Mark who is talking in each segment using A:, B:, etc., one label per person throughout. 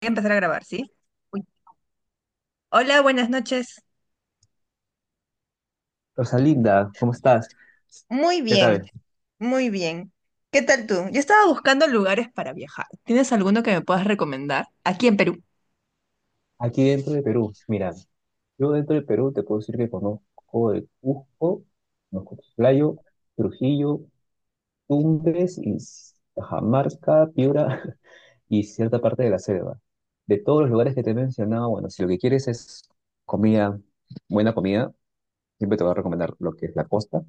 A: Voy a empezar a grabar, ¿sí? Uy. Hola, buenas noches.
B: Rosalinda, ¿cómo estás?
A: Muy
B: ¿Qué
A: bien,
B: tal?
A: muy bien. ¿Qué tal tú? Yo estaba buscando lugares para viajar. ¿Tienes alguno que me puedas recomendar? Aquí en Perú.
B: Aquí dentro de Perú, mira, yo dentro de Perú te puedo decir que conozco de Cusco, conozco Chiclayo, Trujillo, Tumbes y Cajamarca, Piura y cierta parte de la selva. De todos los lugares que te he mencionado, bueno, si lo que quieres es comida, buena comida, siempre te voy a recomendar lo que es la costa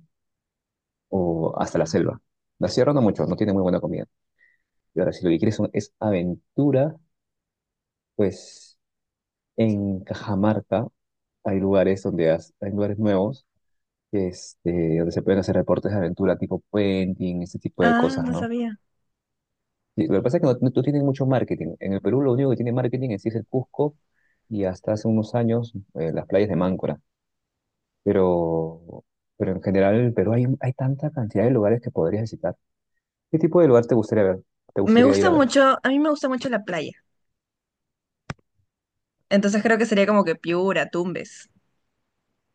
B: o hasta la selva. La sierra no mucho, no tiene muy buena comida. Y ahora, si lo que quieres es aventura, pues. En Cajamarca hay lugares donde hay lugares nuevos, donde se pueden hacer deportes de aventura tipo puenting, ese tipo de
A: Ah,
B: cosas,
A: no
B: ¿no?
A: sabía.
B: Y lo que pasa es que no tienen mucho marketing. En el Perú lo único que tiene marketing en sí es el Cusco y hasta hace unos años, las playas de Máncora. Pero, pero en general en el Perú hay tanta cantidad de lugares que podrías visitar. ¿Qué tipo de lugar te gustaría ver? ¿Te
A: Me
B: gustaría ir
A: gusta
B: a ver?
A: mucho, a mí me gusta mucho la playa. Entonces creo que sería como que Piura, Tumbes.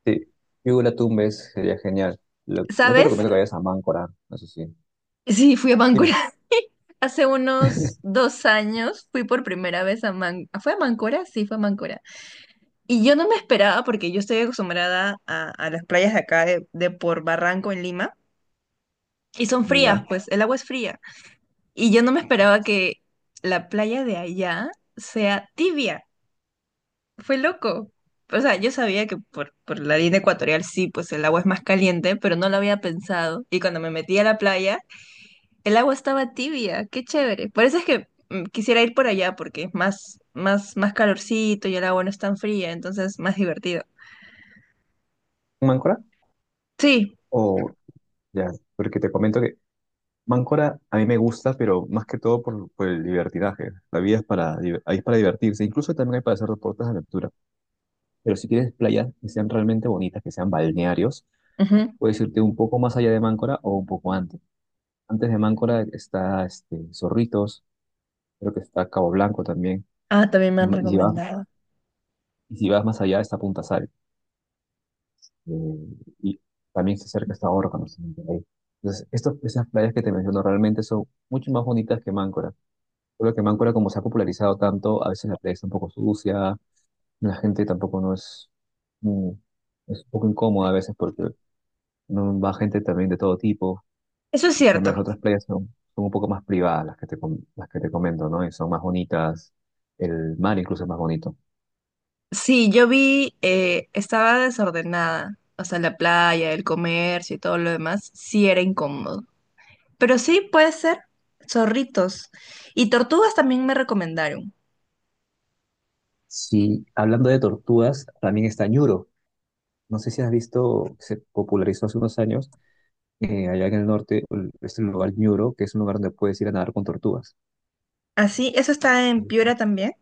B: Sí, yo la Tumbes sería genial. No te
A: ¿Sabes?
B: recomiendo que vayas a Máncora, eso sí.
A: Sí, fui a Máncora.
B: Dime.
A: Hace unos 2 años fui por primera vez a Máncora. ¿Fue a Máncora? Sí, fue a Máncora. Y yo no me esperaba porque yo estoy acostumbrada a las playas de acá de por Barranco en Lima. Y son frías,
B: Ya.
A: pues, el agua es fría. Y yo no me esperaba que la playa de allá sea tibia. Fue loco. O sea, yo sabía que por la línea ecuatorial sí, pues el agua es más caliente, pero no lo había pensado. Y cuando me metí a la playa, el agua estaba tibia. Qué chévere. Por eso es que quisiera ir por allá porque es más, más, más calorcito y el agua no es tan fría, entonces más divertido.
B: ¿Mancora?
A: Sí,
B: O ya, porque te comento que Mancora a mí me gusta, pero más que todo por el divertidaje. La vida es para, div- ahí es para divertirse, incluso también hay para hacer deportes de aventura. Pero si quieres playas que sean realmente bonitas, que sean balnearios,
A: ujú.
B: puedes irte un poco más allá de Máncora o un poco antes. Antes de Máncora está, Zorritos, creo que está Cabo Blanco también.
A: Ah, también me han
B: Y si vas,
A: recomendado.
B: y si vas más allá está Punta Sal. eh, y también se acerca hasta Órganos también por ahí. Entonces, esas playas que te menciono realmente son mucho más bonitas que Máncora. Solo que Máncora, como se ha popularizado tanto, a veces la playa está un poco sucia, la gente tampoco no es, mm, es un poco incómoda a veces porque no va gente también de todo tipo.
A: Eso es
B: En cambio,
A: cierto.
B: las otras playas son un poco más privadas, las que te comento, ¿no? Y son más bonitas, el mar incluso es más bonito.
A: Sí, yo vi, estaba desordenada, o sea, la playa, el comercio y todo lo demás, sí era incómodo. Pero sí puede ser zorritos. Y tortugas también me recomendaron.
B: Sí, hablando de tortugas, también está Ñuro. No sé si has visto, se popularizó hace unos años, allá en el norte, este lugar Ñuro, que es un lugar donde puedes ir a nadar con tortugas.
A: Así, eso está en Piura
B: En
A: también,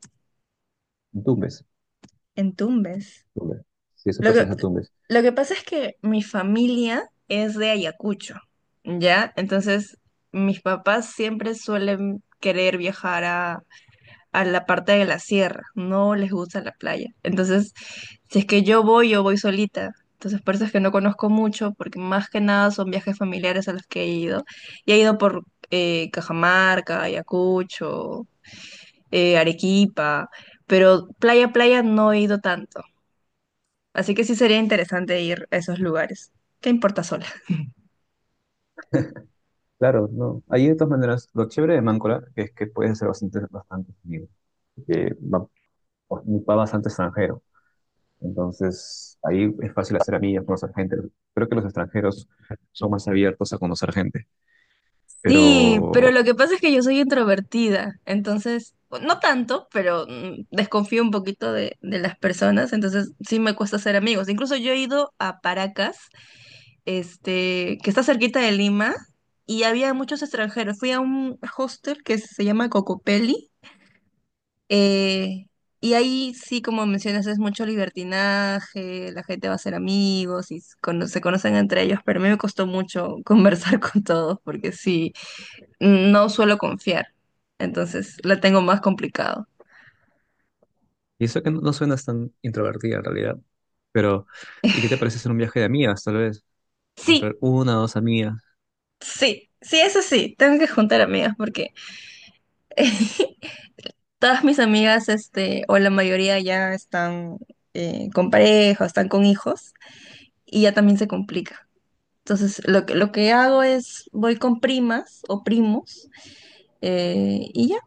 B: Tumbes,
A: en Tumbes.
B: Tumbes. Sí, eso
A: Lo que,
B: pertenece a Tumbes.
A: lo que pasa es que mi familia es de Ayacucho, ¿ya? Entonces, mis papás siempre suelen querer viajar a la parte de la sierra, no les gusta la playa. Entonces, si es que yo voy solita. Entonces, por eso es que no conozco mucho, porque más que nada son viajes familiares a los que he ido. Y he ido por Cajamarca, Ayacucho, Arequipa, pero playa, playa no he ido tanto. Así que sí sería interesante ir a esos lugares. ¿Qué importa sola?
B: Claro, no. Ahí de todas maneras, lo chévere de Máncora es que puedes hacer bastantes amigos. Que va bastante extranjero. Entonces, ahí es fácil hacer amigas, conocer gente. Creo que los extranjeros son más abiertos a conocer gente.
A: Sí, pero
B: Pero
A: lo que pasa es que yo soy introvertida, entonces, no tanto, pero desconfío un poquito de las personas, entonces sí me cuesta hacer amigos. Incluso yo he ido a Paracas, que está cerquita de Lima, y había muchos extranjeros. Fui a un hostel que se llama Cocopelli, eh, y ahí sí, como mencionas, es mucho libertinaje, la gente va a ser amigos y se conocen entre ellos, pero a mí me costó mucho conversar con todos porque sí, no suelo confiar, entonces la tengo más complicado.
B: y eso que no suenas tan introvertida en realidad. Pero, ¿y qué te parece hacer un viaje de amigas, tal vez?
A: Sí,
B: Encontrar una o dos amigas.
A: sí, sí, eso sí, tengo que juntar amigas porque todas mis amigas, o la mayoría ya están con pareja, o están con hijos y ya también se complica. Entonces, lo que hago es, voy con primas o primos, y ya,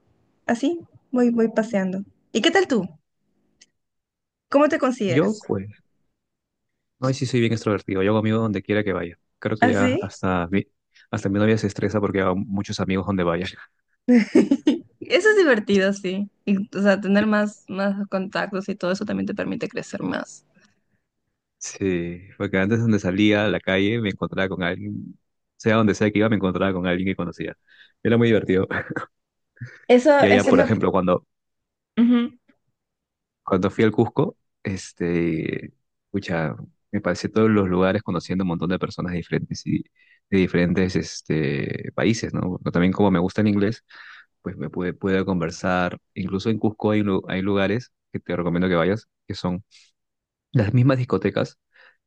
A: así, voy, voy paseando. ¿Y qué tal tú? ¿Cómo te
B: Yo,
A: consideras?
B: pues, no, sí soy bien extrovertido. Yo hago amigos donde quiera que vaya. Creo que ya
A: ¿Así?
B: hasta mi novia se estresa porque hago muchos amigos donde vaya.
A: Eso es divertido, sí. Y, o sea, tener más, más contactos y todo eso también te permite crecer más.
B: Sí, porque antes donde salía a la calle me encontraba con alguien. Sea donde sea que iba, me encontraba con alguien que conocía. Era muy divertido.
A: Eso,
B: Y allá,
A: eso
B: por
A: me...
B: ejemplo, cuando
A: Ujú.
B: cuando fui al Cusco, este, pucha, me pasé todos los lugares conociendo un montón de personas diferentes y de diferentes, países, ¿no? Pero también como me gusta el inglés, pues pude conversar. Incluso en Cusco hay lugares que te recomiendo que vayas, que son las mismas discotecas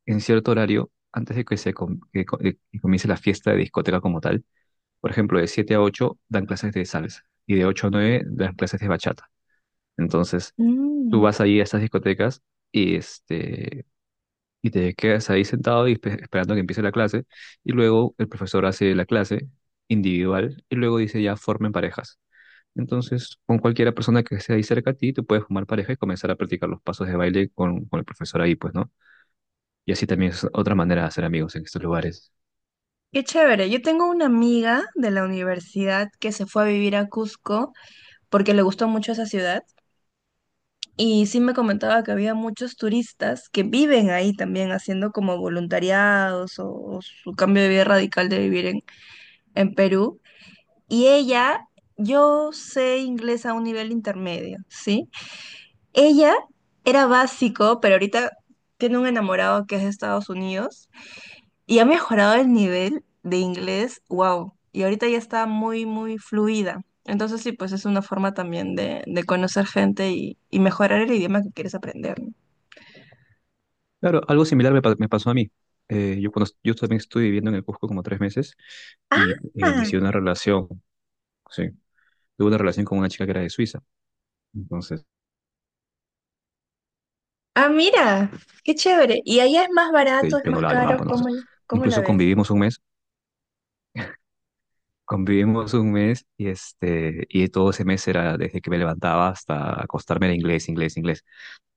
B: en cierto horario antes de que se com- que co- que comience la fiesta de discoteca como tal. Por ejemplo, de 7 a 8 dan clases de salsa y de 8 a 9 dan clases de bachata. Entonces, tú
A: Mm,
B: vas ahí a estas discotecas y, este, y te quedas ahí sentado y esperando que empiece la clase. Y luego el profesor hace la clase individual y luego dice ya formen parejas. Entonces, con cualquiera persona que esté ahí cerca a ti, tú puedes formar pareja y comenzar a practicar los pasos de baile con, el profesor ahí, pues, ¿no? Y así también es otra manera de hacer amigos en estos lugares.
A: qué chévere. Yo tengo una amiga de la universidad que se fue a vivir a Cusco porque le gustó mucho esa ciudad. Y sí me comentaba que había muchos turistas que viven ahí también haciendo como voluntariados o su cambio de vida radical de vivir en Perú. Y ella, yo sé inglés a un nivel intermedio, ¿sí? Ella era básico, pero ahorita tiene un enamorado que es de Estados Unidos y ha mejorado el nivel de inglés, wow. Y ahorita ya está muy, muy fluida. Entonces sí, pues es una forma también de conocer gente y mejorar el idioma que quieres aprender,
B: Claro, algo similar me pasó a mí. Yo también estuve viviendo en el Cusco como 3 meses y,
A: ¿no?
B: inicié una relación, sí, tuve una relación con una chica que era de Suiza. Entonces,
A: Ah, mira, qué chévere. ¿Y allá es más barato, es
B: yo no
A: más
B: hablaba alemán,
A: caro?
B: bueno,
A: ¿Cómo,
B: entonces,
A: l- cómo la
B: incluso
A: ves?
B: convivimos un mes y todo ese mes era desde que me levantaba hasta acostarme era inglés, inglés, inglés.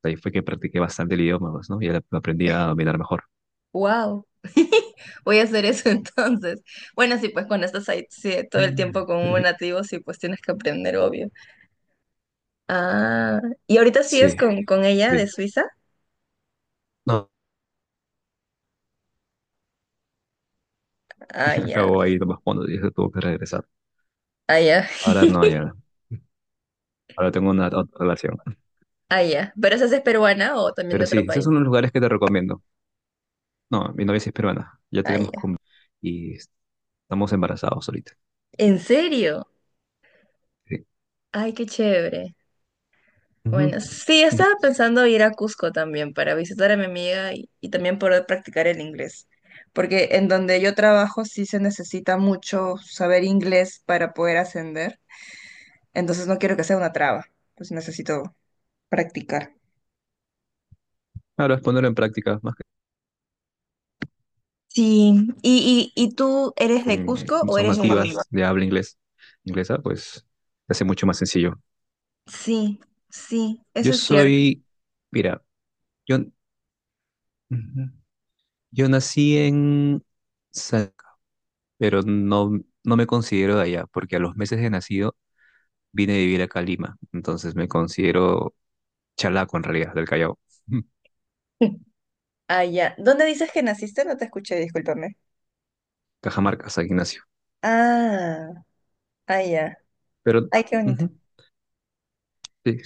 B: Ahí fue que practiqué bastante el idioma, pues, ¿no? Y ahora lo aprendí a dominar mejor.
A: Wow. Voy a hacer eso entonces. Bueno, sí, pues cuando estás ahí sí, todo el tiempo con un nativo, sí, pues tienes que aprender, obvio. Ah, ¿y ahorita sigues
B: Sí,
A: con ella de
B: sí.
A: Suiza?
B: No,
A: Ah,
B: y
A: ya,
B: acabó ahí nomás cuando ya se tuvo que regresar.
A: ah, ya,
B: Ahora no, ya, ahora tengo una otra relación.
A: ah, ya. ¿Pero esa sí es peruana o también de
B: Pero sí,
A: otro
B: esos
A: país?
B: son los lugares que te recomiendo. No, mi novia sí es peruana, ya
A: Ah, ya.
B: tenemos con... y estamos embarazados ahorita.
A: ¿En serio?
B: Sí.
A: Ay, qué chévere. Bueno, sí,
B: Ujú.
A: estaba pensando ir a Cusco también para visitar a mi amiga y también poder practicar el inglés, porque en donde yo trabajo sí se necesita mucho saber inglés para poder ascender, entonces no quiero que sea una traba, pues necesito practicar.
B: Claro, es ponerlo en práctica, más que
A: Sí. Y tú eres de
B: con,
A: Cusco o
B: son
A: eres de Somos Lima?
B: nativas de habla inglés, inglesa, pues se hace mucho más sencillo.
A: Sí, sí,
B: Yo
A: eso es cierto.
B: soy, mira, yo, Ujú. Yo nací en San, pero no me considero de allá, porque a los meses de nacido vine a vivir acá a Lima, entonces me considero chalaco en realidad, del Callao.
A: Ah, ya. ¿Dónde dices que naciste? No te escuché, discúlpame.
B: Cajamarca, San Ignacio.
A: Ah, ah, ya.
B: Pero,
A: Ay, qué bonito.
B: ujú, sí,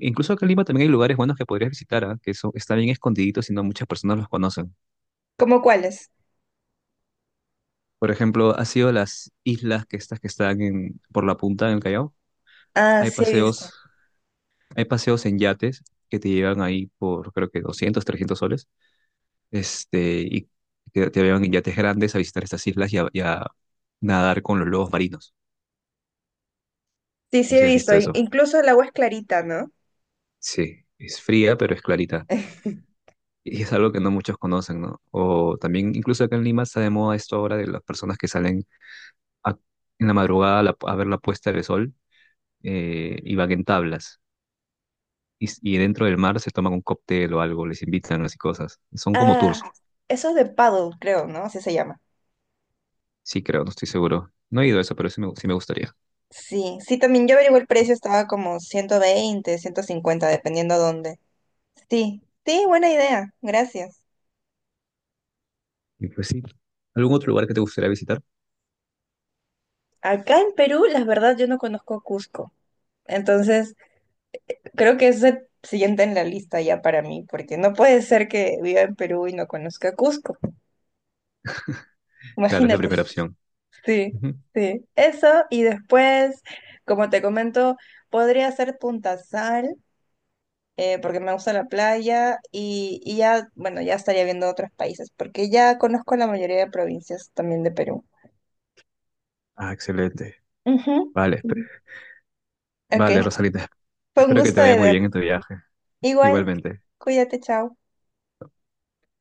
B: incluso acá en Lima también hay lugares buenos que podrías visitar, ¿ah? Que están bien escondiditos y no muchas personas los conocen.
A: ¿Cómo cuáles?
B: Por ejemplo, ¿has ido a las islas que estas que están por la punta en el Callao?
A: Ah,
B: Hay
A: sí, he visto.
B: paseos, hay paseos en yates que te llevan ahí por creo que 200, 300 soles, y te llevan en yates grandes a visitar estas islas y a nadar con los lobos marinos.
A: Sí, sí
B: No sé
A: he
B: si has
A: visto.
B: visto eso.
A: Incluso el agua es clarita, ¿no?
B: Sí, es fría, pero es clarita. Y es algo que no muchos conocen, ¿no? O también, incluso acá en Lima está de moda esto ahora de las personas que salen a- en la madrugada a ver la puesta del sol, y van en tablas. Y dentro del mar se toman un cóctel o algo, les invitan así cosas. Son como
A: Ah,
B: tours.
A: eso es de paddle, creo, ¿no? Así se llama.
B: Sí, creo, no estoy seguro. No he ido a eso, pero sí me gustaría.
A: Sí, sí, también yo averigué el precio, estaba como 120, 150, dependiendo dónde. Sí, sí, buena idea, gracias.
B: Y pues sí. ¿Algún otro lugar que te gustaría visitar?
A: Acá en Perú, la verdad, yo no conozco Cusco. Entonces, creo que es el siguiente en la lista ya para mí, porque no puede ser que viva en Perú y no conozca Cusco.
B: Claro, es la
A: Imagínate.
B: primera opción.
A: Sí,
B: Ujú.
A: sí. Eso, y después, como te comento, podría ser Punta Sal, porque me gusta la playa, y ya, bueno, ya estaría viendo otros países, porque ya conozco la mayoría de provincias también de Perú.
B: Ah, excelente.
A: Ujú.
B: Vale, espe-
A: Ok,
B: vale, Rosalita.
A: fue un
B: Espero que te
A: gusto,
B: vaya
A: de
B: muy
A: ver.
B: bien en tu viaje.
A: Igual,
B: Igualmente.
A: cuídate, chao.